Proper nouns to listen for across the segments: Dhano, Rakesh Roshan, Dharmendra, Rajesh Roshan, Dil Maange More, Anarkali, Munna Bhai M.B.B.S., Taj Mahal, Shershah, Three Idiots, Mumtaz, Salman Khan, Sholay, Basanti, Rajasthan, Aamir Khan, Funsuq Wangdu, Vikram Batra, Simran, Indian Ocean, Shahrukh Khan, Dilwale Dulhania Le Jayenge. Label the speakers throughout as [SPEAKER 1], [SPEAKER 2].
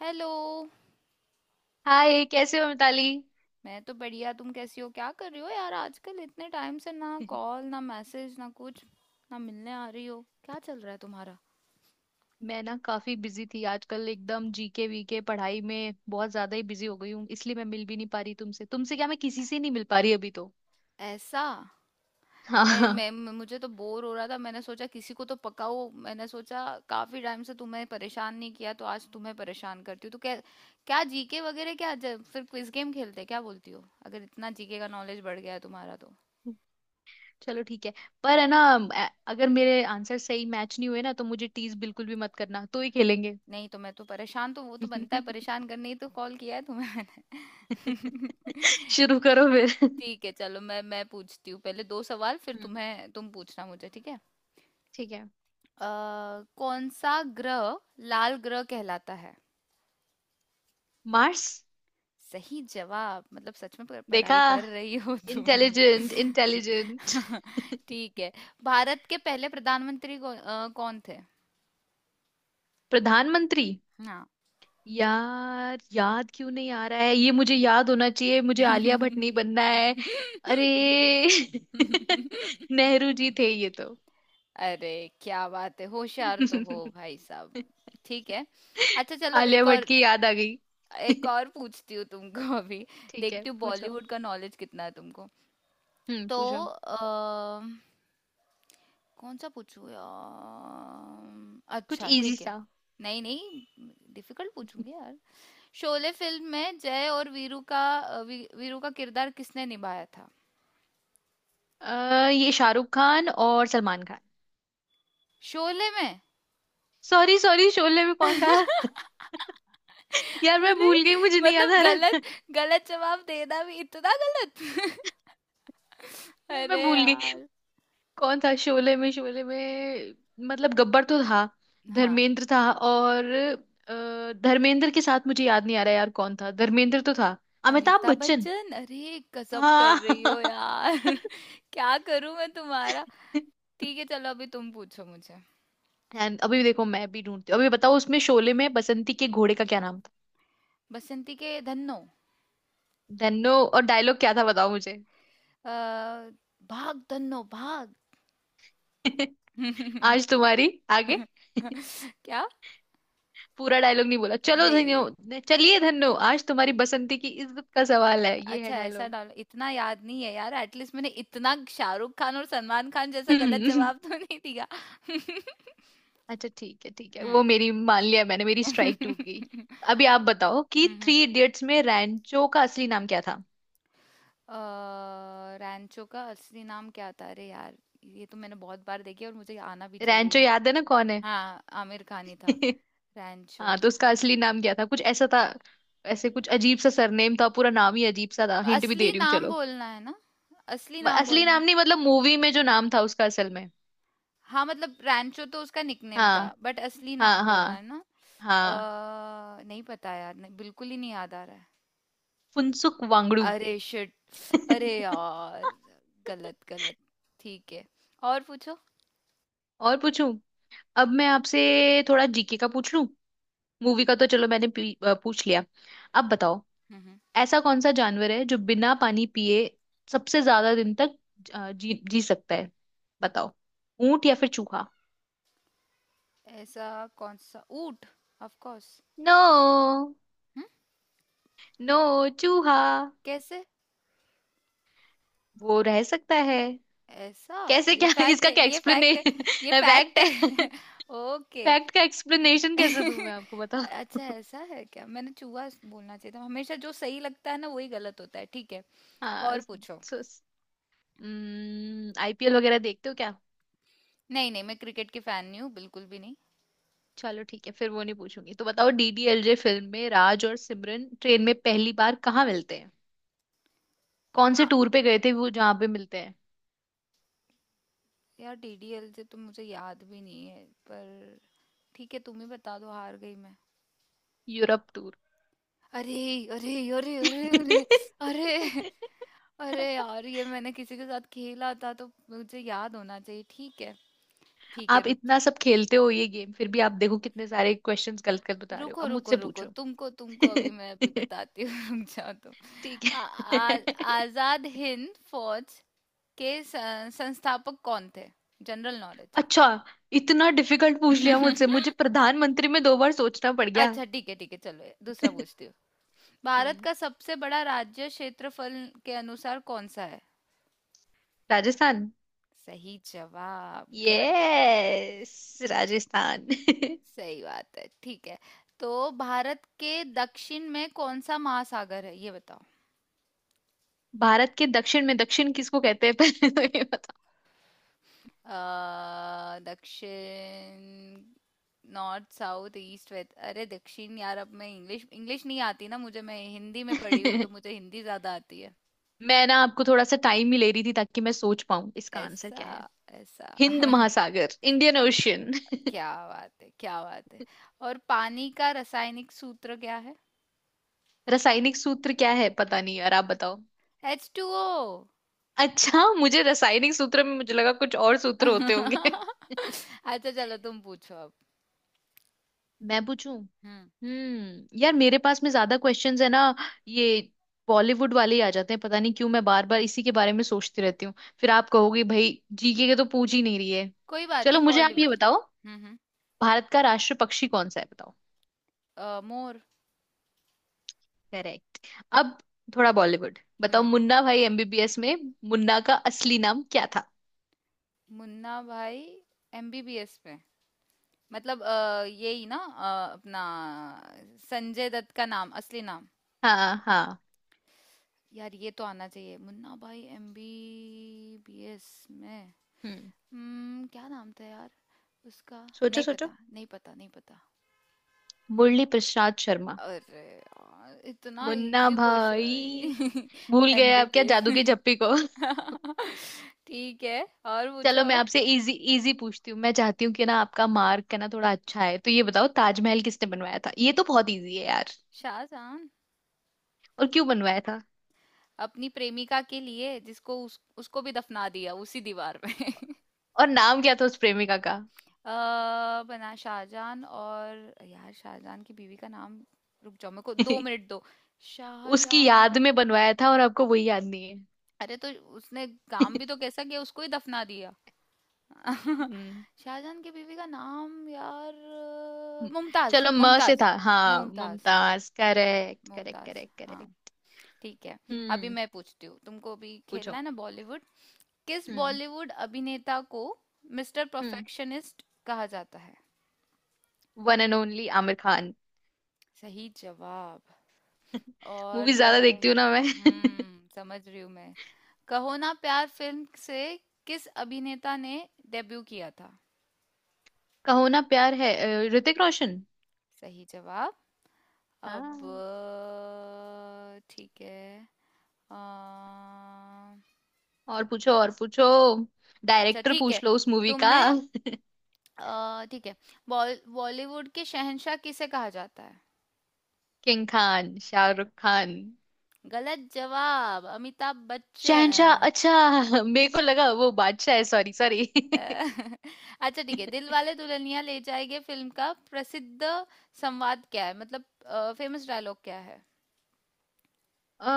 [SPEAKER 1] Hello.
[SPEAKER 2] Hi, कैसे हो मिताली?
[SPEAKER 1] मैं तो बढ़िया, तुम कैसी हो? क्या कर रही हो यार आजकल? इतने टाइम से ना कॉल, ना मैसेज, ना कुछ, ना मिलने आ रही हो। क्या चल रहा है तुम्हारा?
[SPEAKER 2] मैं ना काफी बिजी थी आजकल, एकदम जीके वीके पढ़ाई में बहुत ज्यादा ही बिजी हो गई हूँ। इसलिए मैं मिल भी नहीं पा रही तुमसे। तुमसे क्या, मैं किसी से नहीं मिल पा रही अभी तो।
[SPEAKER 1] ऐसा?
[SPEAKER 2] हाँ।
[SPEAKER 1] मुझे तो बोर हो रहा था, मैंने सोचा किसी को तो पकाओ। मैंने सोचा काफी टाइम से तुम्हें परेशान नहीं किया, तो आज तुम्हें परेशान करती हूँ, तो क्या। क्या जीके वगैरह, फिर क्विज गेम खेलते हैं, क्या बोलती हो? अगर इतना जीके का नॉलेज बढ़ गया है तुम्हारा तो।
[SPEAKER 2] चलो ठीक है। पर है ना, अगर मेरे आंसर सही मैच नहीं हुए ना तो मुझे टीज बिल्कुल भी मत करना, तो ही खेलेंगे।
[SPEAKER 1] नहीं तो मैं तो परेशान, तो वो तो बनता है, परेशान करने ही तो कॉल किया है तुम्हें मैंने।
[SPEAKER 2] शुरू करो फिर।
[SPEAKER 1] ठीक है, चलो मैं पूछती हूँ पहले 2 सवाल, फिर
[SPEAKER 2] हम्म।
[SPEAKER 1] तुम्हें, तुम पूछना मुझे, ठीक है?
[SPEAKER 2] ठीक है।
[SPEAKER 1] अ, कौन सा ग्रह लाल ग्रह कहलाता है?
[SPEAKER 2] मार्स।
[SPEAKER 1] सही जवाब, मतलब सच में
[SPEAKER 2] देखा।
[SPEAKER 1] पढ़ाई कर रही हो तुम।
[SPEAKER 2] Intelligent intelligent.
[SPEAKER 1] ठीक है। भारत के पहले प्रधानमंत्री कौन थे?
[SPEAKER 2] प्रधानमंत्री?
[SPEAKER 1] हाँ।
[SPEAKER 2] यार याद क्यों नहीं आ रहा है, ये मुझे याद होना चाहिए। मुझे आलिया भट्ट नहीं बनना है। अरे। नेहरू जी थे ये तो।
[SPEAKER 1] अरे, क्या बात है, होशियार तो हो भाई साहब। ठीक है, अच्छा चलो
[SPEAKER 2] आलिया
[SPEAKER 1] एक
[SPEAKER 2] भट्ट
[SPEAKER 1] और,
[SPEAKER 2] की याद आ गई।
[SPEAKER 1] एक और पूछती हूँ तुमको। अभी
[SPEAKER 2] ठीक है
[SPEAKER 1] देखती हूँ
[SPEAKER 2] पूछो।
[SPEAKER 1] बॉलीवुड का नॉलेज कितना है तुमको। तो
[SPEAKER 2] पूछो।
[SPEAKER 1] अ, कौन सा पूछूँ यार?
[SPEAKER 2] कुछ
[SPEAKER 1] अच्छा
[SPEAKER 2] इजी
[SPEAKER 1] ठीक है,
[SPEAKER 2] सा।
[SPEAKER 1] नहीं नहीं, डिफिकल्ट पूछूंगी यार। शोले फिल्म में जय और वीरू का, वीरू का किरदार किसने निभाया था?
[SPEAKER 2] ये शाहरुख खान और सलमान खान।
[SPEAKER 1] शोले में।
[SPEAKER 2] सॉरी सॉरी, शोले में कौन था? यार मैं
[SPEAKER 1] अरे,
[SPEAKER 2] भूल गई, मुझे नहीं याद
[SPEAKER 1] मतलब
[SPEAKER 2] आ
[SPEAKER 1] गलत,
[SPEAKER 2] रहा।
[SPEAKER 1] गलत जवाब देना भी इतना गलत।
[SPEAKER 2] यार मैं
[SPEAKER 1] अरे
[SPEAKER 2] भूल गई।
[SPEAKER 1] यार।
[SPEAKER 2] कौन था शोले में? मतलब गब्बर तो था,
[SPEAKER 1] हाँ,
[SPEAKER 2] धर्मेंद्र था और धर्मेंद्र के साथ मुझे याद नहीं आ रहा यार, कौन था? धर्मेंद्र तो था। अमिताभ
[SPEAKER 1] अमिताभ
[SPEAKER 2] बच्चन।
[SPEAKER 1] बच्चन। अरे गजब कर
[SPEAKER 2] हाँ।
[SPEAKER 1] रही हो यार। क्या करूं मैं तुम्हारा। ठीक है, चलो अभी तुम पूछो मुझे।
[SPEAKER 2] And अभी देखो, मैं भी ढूंढती हूँ। अभी बताओ उसमें, शोले में बसंती के घोड़े का क्या नाम था?
[SPEAKER 1] बसंती के धन्नो।
[SPEAKER 2] धन्नो। और डायलॉग क्या था, बताओ मुझे।
[SPEAKER 1] अ, भाग धन्नो भाग।
[SPEAKER 2] आज तुम्हारी। आगे।
[SPEAKER 1] क्या?
[SPEAKER 2] पूरा डायलॉग नहीं बोला, चलो
[SPEAKER 1] नहीं।
[SPEAKER 2] धन्यो। चलिए धन्नो, आज तुम्हारी बसंती की इज्जत का सवाल है, ये है
[SPEAKER 1] अच्छा ऐसा,
[SPEAKER 2] डायलॉग।
[SPEAKER 1] डालो इतना याद नहीं है यार, एटलीस्ट मैंने इतना शाहरुख खान और सलमान खान जैसा गलत जवाब तो नहीं दिया।
[SPEAKER 2] अच्छा ठीक है ठीक है, वो मेरी मान लिया मैंने, मेरी स्ट्राइक
[SPEAKER 1] हम्म।
[SPEAKER 2] टूट गई। अभी आप बताओ कि थ्री इडियट्स में रैंचो का असली नाम क्या था?
[SPEAKER 1] रैंचो का असली नाम क्या था? अरे यार, ये तो मैंने बहुत बार देखी है और मुझे आना भी चाहिए
[SPEAKER 2] रैंचो
[SPEAKER 1] ये।
[SPEAKER 2] याद है ना, कौन है?
[SPEAKER 1] हाँ, आमिर खान ही था। रैंचो?
[SPEAKER 2] हाँ, तो उसका असली नाम क्या था? कुछ ऐसा था, ऐसे कुछ अजीब सा सरनेम था, पूरा नाम ही अजीब सा था। हिंट भी दे
[SPEAKER 1] असली
[SPEAKER 2] रही हूँ
[SPEAKER 1] नाम
[SPEAKER 2] चलो।
[SPEAKER 1] बोलना है ना? असली नाम
[SPEAKER 2] असली
[SPEAKER 1] बोलना।
[SPEAKER 2] नाम नहीं, मतलब मूवी में जो नाम था उसका असल में।
[SPEAKER 1] हाँ, मतलब रैंचो तो उसका निकनेम था,
[SPEAKER 2] हाँ।
[SPEAKER 1] बट असली
[SPEAKER 2] हाँ
[SPEAKER 1] नाम बोलना
[SPEAKER 2] हाँ।
[SPEAKER 1] है ना।
[SPEAKER 2] हाँ।
[SPEAKER 1] नहीं पता यार, नहीं, बिल्कुल ही नहीं याद आ रहा है।
[SPEAKER 2] फुनसुक वांगडू।
[SPEAKER 1] अरे शिट। अरे यार, गलत गलत। ठीक है, और पूछो।
[SPEAKER 2] और पूछूं? अब मैं आपसे थोड़ा जीके का पूछ लूं, मूवी का तो चलो मैंने पूछ लिया। अब बताओ,
[SPEAKER 1] हम्म। हम्म।
[SPEAKER 2] ऐसा कौन सा जानवर है जो बिना पानी पिए सबसे ज्यादा दिन तक जी जी सकता है? बताओ, ऊंट या फिर चूहा?
[SPEAKER 1] ऐसा? कौन सा? ऊंट? Of course.
[SPEAKER 2] नो।
[SPEAKER 1] हम्म।
[SPEAKER 2] नो। चूहा।
[SPEAKER 1] कैसे?
[SPEAKER 2] वो रह सकता है।
[SPEAKER 1] ऐसा?
[SPEAKER 2] कैसे
[SPEAKER 1] ये
[SPEAKER 2] क्या?
[SPEAKER 1] फैक्ट
[SPEAKER 2] इसका
[SPEAKER 1] है,
[SPEAKER 2] क्या
[SPEAKER 1] ये
[SPEAKER 2] एक्सप्लेने
[SPEAKER 1] फैक्ट है, ये फैक्ट
[SPEAKER 2] फैक्ट है।
[SPEAKER 1] है। ओके।
[SPEAKER 2] फैक्ट का एक्सप्लेनेशन कैसे दूं मैं आपको, बताओ।
[SPEAKER 1] अच्छा ऐसा है क्या, मैंने चूहा बोलना चाहिए था। हमेशा जो सही लगता है ना, वही गलत होता है। ठीक है,
[SPEAKER 2] हाँ।
[SPEAKER 1] और पूछो।
[SPEAKER 2] आईपीएल वगैरह देखते हो क्या?
[SPEAKER 1] नहीं नहीं, मैं क्रिकेट की फैन नहीं हूँ, बिल्कुल भी नहीं।
[SPEAKER 2] चलो ठीक है, फिर वो नहीं पूछूंगी। तो बताओ, डीडीएलजे फिल्म में राज और सिमरन ट्रेन में पहली बार कहाँ मिलते हैं? कौन से
[SPEAKER 1] कहाँ?
[SPEAKER 2] टूर पे गए थे वो, जहाँ पे मिलते हैं?
[SPEAKER 1] यार डीडीएल से तो मुझे याद भी नहीं है, पर ठीक है, तुम ही बता दो, हार गई मैं।
[SPEAKER 2] Europe tour.
[SPEAKER 1] अरे अरे, अरे अरे अरे। अरे, अरे यार ये मैंने किसी के साथ खेला था, तो मुझे याद होना चाहिए ठीक है। ठीक है।
[SPEAKER 2] आप इतना सब खेलते हो ये गेम, फिर भी आप देखो कितने सारे क्वेश्चंस गलत गलत बता रहे हो।
[SPEAKER 1] रुको
[SPEAKER 2] अब
[SPEAKER 1] रुको
[SPEAKER 2] मुझसे
[SPEAKER 1] रुको,
[SPEAKER 2] पूछो।
[SPEAKER 1] तुमको तुमको अभी मैं अभी बताती हूँ। रुक जाओ तुम।
[SPEAKER 2] ठीक
[SPEAKER 1] आ, आ,
[SPEAKER 2] है।
[SPEAKER 1] आजाद हिंद फौज के संस्थापक कौन थे? जनरल नॉलेज
[SPEAKER 2] अच्छा, इतना डिफिकल्ट पूछ लिया
[SPEAKER 1] है।
[SPEAKER 2] मुझसे, मुझे प्रधानमंत्री में दो बार सोचना पड़ गया।
[SPEAKER 1] अच्छा ठीक है, ठीक है चलो दूसरा पूछती हूँ। भारत
[SPEAKER 2] हम्म।
[SPEAKER 1] का सबसे बड़ा राज्य क्षेत्रफल के अनुसार कौन सा है?
[SPEAKER 2] राजस्थान।
[SPEAKER 1] सही जवाब, गुड।
[SPEAKER 2] यस राजस्थान।
[SPEAKER 1] सही बात है, ठीक है। तो भारत के दक्षिण में कौन सा महासागर है, ये बताओ।
[SPEAKER 2] भारत के दक्षिण में? दक्षिण किसको कहते हैं? पहले तो ये
[SPEAKER 1] दक्षिण, नॉर्थ साउथ ईस्ट वेस्ट, अरे दक्षिण यार, अब मैं इंग्लिश, इंग्लिश नहीं आती ना मुझे, मैं हिंदी में पढ़ी हूँ,
[SPEAKER 2] बताओ।
[SPEAKER 1] तो मुझे हिंदी ज्यादा आती है।
[SPEAKER 2] मैं ना आपको थोड़ा सा टाइम ही ले रही थी ताकि मैं सोच पाऊं इसका आंसर
[SPEAKER 1] ऐसा?
[SPEAKER 2] क्या है।
[SPEAKER 1] ऐसा?
[SPEAKER 2] हिंद महासागर, इंडियन ओशियन।
[SPEAKER 1] क्या बात है, क्या बात है। और पानी का रासायनिक सूत्र क्या है?
[SPEAKER 2] रासायनिक सूत्र क्या है, पता नहीं यार, आप बताओ।
[SPEAKER 1] H2O।
[SPEAKER 2] अच्छा, मुझे रासायनिक सूत्र में मुझे लगा कुछ और सूत्र होते होंगे।
[SPEAKER 1] अच्छा चलो तुम पूछो अब।
[SPEAKER 2] मैं पूछूं?
[SPEAKER 1] हम्म।
[SPEAKER 2] यार मेरे पास में ज्यादा क्वेश्चंस है ना, ये बॉलीवुड वाले ही आ जाते हैं। पता नहीं क्यों मैं बार बार इसी के बारे में सोचती रहती हूँ। फिर आप कहोगे भाई, जीके के तो पूछ ही नहीं रही है।
[SPEAKER 1] कोई बात
[SPEAKER 2] चलो
[SPEAKER 1] नहीं,
[SPEAKER 2] मुझे आप ये
[SPEAKER 1] बॉलीवुड।
[SPEAKER 2] बताओ,
[SPEAKER 1] हम्म।
[SPEAKER 2] भारत का राष्ट्र पक्षी कौन सा है, बताओ?
[SPEAKER 1] मोर।
[SPEAKER 2] करेक्ट। अब थोड़ा बॉलीवुड बताओ,
[SPEAKER 1] हम्म।
[SPEAKER 2] मुन्ना भाई एमबीबीएस में मुन्ना का असली नाम क्या था?
[SPEAKER 1] मुन्ना भाई एमबीबीएस में? मतलब यही ना, अपना संजय दत्त का नाम, असली नाम?
[SPEAKER 2] हाँ हाँ।
[SPEAKER 1] यार ये तो आना चाहिए, मुन्ना भाई MBBS में।
[SPEAKER 2] हम्म।
[SPEAKER 1] हम्म, क्या नाम था यार उसका?
[SPEAKER 2] सोचो
[SPEAKER 1] नहीं
[SPEAKER 2] सोचो।
[SPEAKER 1] पता, नहीं पता, नहीं पता।
[SPEAKER 2] मुरली प्रसाद शर्मा।
[SPEAKER 1] अरे यार, इतना
[SPEAKER 2] मुन्ना
[SPEAKER 1] इजी
[SPEAKER 2] भाई।
[SPEAKER 1] क्वेश्चन।
[SPEAKER 2] भूल गए आप क्या
[SPEAKER 1] एमबीबीएस।
[SPEAKER 2] जादू की झप्पी को?
[SPEAKER 1] ठीक है, और
[SPEAKER 2] चलो
[SPEAKER 1] पूछो।
[SPEAKER 2] मैं आपसे इजी इजी पूछती हूँ, मैं चाहती हूँ कि ना आपका मार्क है ना थोड़ा अच्छा है। तो ये बताओ, ताजमहल किसने बनवाया था, ये तो बहुत इजी है यार।
[SPEAKER 1] शाहजहां।
[SPEAKER 2] और क्यों बनवाया था?
[SPEAKER 1] अपनी प्रेमिका के लिए, जिसको उसको भी दफना दिया उसी दीवार में।
[SPEAKER 2] और नाम क्या था उस प्रेमिका का?
[SPEAKER 1] अ, बना शाहजहान, और यार शाहजहान की बीवी का नाम, रुक जाओ मेरे को दो मिनट दो।
[SPEAKER 2] उसकी
[SPEAKER 1] शाहजहां।
[SPEAKER 2] याद में बनवाया था और आपको वही याद नहीं है।
[SPEAKER 1] अरे तो उसने काम भी तो कैसा किया, उसको ही दफना दिया।
[SPEAKER 2] हम्म।
[SPEAKER 1] शाहजहान की बीवी का नाम यार,
[SPEAKER 2] हम्म।
[SPEAKER 1] मुमताज,
[SPEAKER 2] चलो म से
[SPEAKER 1] मुमताज।
[SPEAKER 2] था, हाँ
[SPEAKER 1] Mumtaz,
[SPEAKER 2] Mumtaz, correct correct
[SPEAKER 1] Mumtaz.
[SPEAKER 2] Correct
[SPEAKER 1] हाँ,
[SPEAKER 2] करेक्ट।
[SPEAKER 1] ठीक है। अभी
[SPEAKER 2] हम्म,
[SPEAKER 1] मैं पूछती हूँ तुमको, अभी खेलना
[SPEAKER 2] पूछो।
[SPEAKER 1] है ना बॉलीवुड। किस
[SPEAKER 2] हम्म।
[SPEAKER 1] बॉलीवुड अभिनेता को मिस्टर
[SPEAKER 2] हम्म
[SPEAKER 1] परफेक्शनिस्ट कहा जाता है?
[SPEAKER 2] One and only Aamir Khan.
[SPEAKER 1] सही जवाब।
[SPEAKER 2] मूवी
[SPEAKER 1] और
[SPEAKER 2] ज्यादा देखती हूँ ना मैं।
[SPEAKER 1] हम्म, समझ रही हूँ मैं। कहो ना प्यार फिल्म से किस अभिनेता ने डेब्यू किया था?
[SPEAKER 2] कहो ना प्यार है, ऋतिक रोशन।
[SPEAKER 1] सही जवाब। अब
[SPEAKER 2] हाँ।
[SPEAKER 1] ठीक है। अ,
[SPEAKER 2] और पूछो और पूछो,
[SPEAKER 1] अच्छा
[SPEAKER 2] डायरेक्टर
[SPEAKER 1] ठीक है,
[SPEAKER 2] पूछ लो उस मूवी का।
[SPEAKER 1] तुमने, ठीक है, बॉलीवुड के शहंशाह किसे कहा जाता है?
[SPEAKER 2] किंग खान शाहरुख खान।
[SPEAKER 1] गलत जवाब, अमिताभ
[SPEAKER 2] शहनशाह?
[SPEAKER 1] बच्चन।
[SPEAKER 2] अच्छा। मेरे को लगा वो बादशाह है, सॉरी सॉरी।
[SPEAKER 1] अ, अच्छा ठीक है, दिलवाले दुल्हनिया ले जाएंगे फिल्म का प्रसिद्ध संवाद क्या है, मतलब फेमस डायलॉग क्या है?
[SPEAKER 2] अ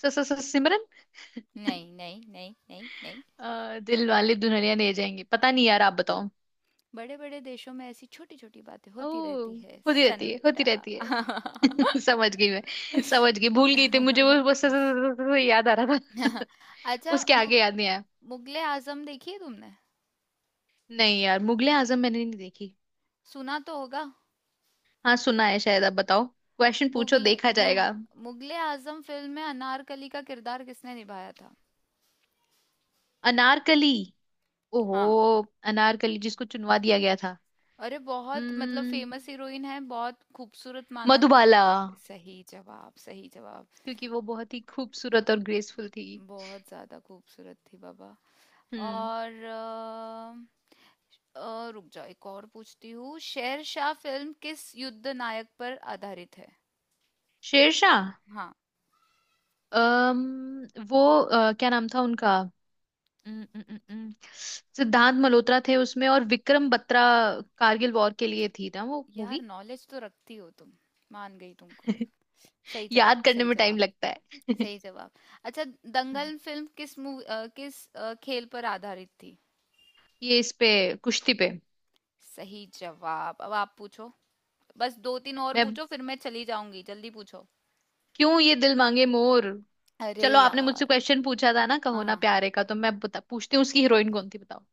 [SPEAKER 2] सिमरन।
[SPEAKER 1] नहीं नहीं नहीं नहीं नहीं।
[SPEAKER 2] दिल वाले दुल्हनिया ले जाएंगे, पता नहीं यार, आप बताओ।
[SPEAKER 1] बड़े बड़े देशों में ऐसी छोटी छोटी बातें
[SPEAKER 2] ओ।
[SPEAKER 1] होती रहती है
[SPEAKER 2] होती रहती है, होती
[SPEAKER 1] सेनोरिटा।
[SPEAKER 2] रहती है। समझ गई मैं, समझ गई। भूल गई थी, मुझे वो बस याद आ रहा था।
[SPEAKER 1] अच्छा
[SPEAKER 2] उसके आगे याद नहीं आया।
[SPEAKER 1] मुगले आजम देखी है तुमने?
[SPEAKER 2] नहीं यार, मुगले आजम मैंने नहीं देखी।
[SPEAKER 1] सुना तो होगा।
[SPEAKER 2] हाँ, सुना है शायद। अब बताओ क्वेश्चन, पूछो
[SPEAKER 1] मुगले
[SPEAKER 2] देखा
[SPEAKER 1] मुग,
[SPEAKER 2] जाएगा।
[SPEAKER 1] मुगले आजम फिल्म में अनारकली का किरदार किसने निभाया था?
[SPEAKER 2] अनारकली। ओहो।
[SPEAKER 1] हाँ।
[SPEAKER 2] अनारकली जिसको चुनवा दिया गया था।
[SPEAKER 1] अरे बहुत मतलब
[SPEAKER 2] उम्म,
[SPEAKER 1] फेमस हीरोइन है, बहुत खूबसूरत माना।
[SPEAKER 2] मधुबाला।
[SPEAKER 1] सही जवाब, सही जवाब।
[SPEAKER 2] क्योंकि वो बहुत ही खूबसूरत और ग्रेसफुल थी।
[SPEAKER 1] बहुत ज्यादा खूबसूरत थी बाबा।
[SPEAKER 2] हम्म।
[SPEAKER 1] और रुक जाओ, एक और पूछती हूँ। शेरशाह फिल्म किस युद्ध नायक पर आधारित है?
[SPEAKER 2] शेरशाह।
[SPEAKER 1] हाँ।
[SPEAKER 2] वो क्या नाम था उनका? उम्म, उम्म, उम्म, उम्म, सिद्धांत मल्होत्रा थे उसमें, और विक्रम बत्रा। कारगिल वॉर के लिए थी ना वो
[SPEAKER 1] यार
[SPEAKER 2] मूवी।
[SPEAKER 1] नॉलेज तो रखती हो तुम, मान गई तुमको। सही जवाब,
[SPEAKER 2] याद करने
[SPEAKER 1] सही
[SPEAKER 2] में टाइम
[SPEAKER 1] जवाब,
[SPEAKER 2] लगता है।
[SPEAKER 1] सही जवाब। अच्छा
[SPEAKER 2] हम्म।
[SPEAKER 1] दंगल फिल्म किस मूवी, किस खेल पर आधारित थी?
[SPEAKER 2] ये इस पे, कुश्ती पे।
[SPEAKER 1] सही जवाब। अब आप पूछो, बस दो तीन और
[SPEAKER 2] मैं,
[SPEAKER 1] पूछो, फिर मैं चली जाऊंगी, जल्दी पूछो।
[SPEAKER 2] क्यों ये दिल मांगे मोर।
[SPEAKER 1] अरे
[SPEAKER 2] चलो आपने मुझसे
[SPEAKER 1] यार।
[SPEAKER 2] क्वेश्चन पूछा था ना कहो
[SPEAKER 1] हाँ
[SPEAKER 2] ना
[SPEAKER 1] हाँ,
[SPEAKER 2] प्यारे का, तो मैं बता पूछती हूँ, उसकी हीरोइन कौन थी, बताओ?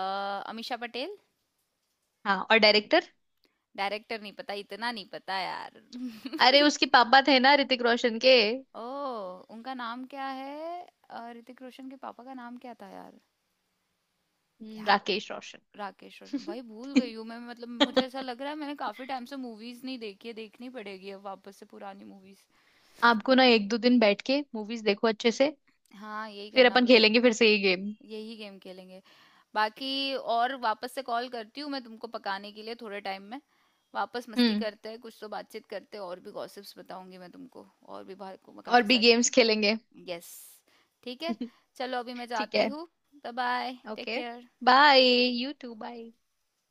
[SPEAKER 1] अमीषा पटेल।
[SPEAKER 2] हाँ। और डायरेक्टर?
[SPEAKER 1] डायरेक्टर नहीं पता, इतना नहीं पता यार।
[SPEAKER 2] अरे उसके पापा थे ना, ऋतिक रोशन के।
[SPEAKER 1] ओ, उनका नाम क्या है, ऋतिक रोशन के पापा का नाम क्या था यार? क्या,
[SPEAKER 2] राकेश रोशन।
[SPEAKER 1] राकेश रोशन? भाई भूल गई हूँ मैं, मतलब मुझे ऐसा लग रहा है मैंने काफी टाइम से मूवीज नहीं देखी है, देखनी पड़ेगी अब वापस से पुरानी मूवीज।
[SPEAKER 2] आपको ना एक दो दिन बैठ के मूवीज देखो अच्छे से।
[SPEAKER 1] हाँ, यही
[SPEAKER 2] फिर
[SPEAKER 1] करना
[SPEAKER 2] अपन
[SPEAKER 1] पड़ेगा।
[SPEAKER 2] खेलेंगे फिर से ये गेम।
[SPEAKER 1] यही गेम खेलेंगे बाकी, और वापस से कॉल करती हूँ मैं तुमको पकाने के लिए थोड़े टाइम में। वापस मस्ती
[SPEAKER 2] हम्म।
[SPEAKER 1] करते हैं, कुछ तो बातचीत करते हैं, और भी गॉसिप्स बताऊंगी मैं तुमको, और भी बाहर को
[SPEAKER 2] और
[SPEAKER 1] काफ़ी
[SPEAKER 2] भी
[SPEAKER 1] सारी
[SPEAKER 2] गेम्स
[SPEAKER 1] चीज़।
[SPEAKER 2] खेलेंगे।
[SPEAKER 1] यस, ठीक है, चलो अभी मैं
[SPEAKER 2] ठीक
[SPEAKER 1] जाती
[SPEAKER 2] है।
[SPEAKER 1] हूँ। Bye bye, take
[SPEAKER 2] okay.
[SPEAKER 1] Care.
[SPEAKER 2] Bye. You too bye.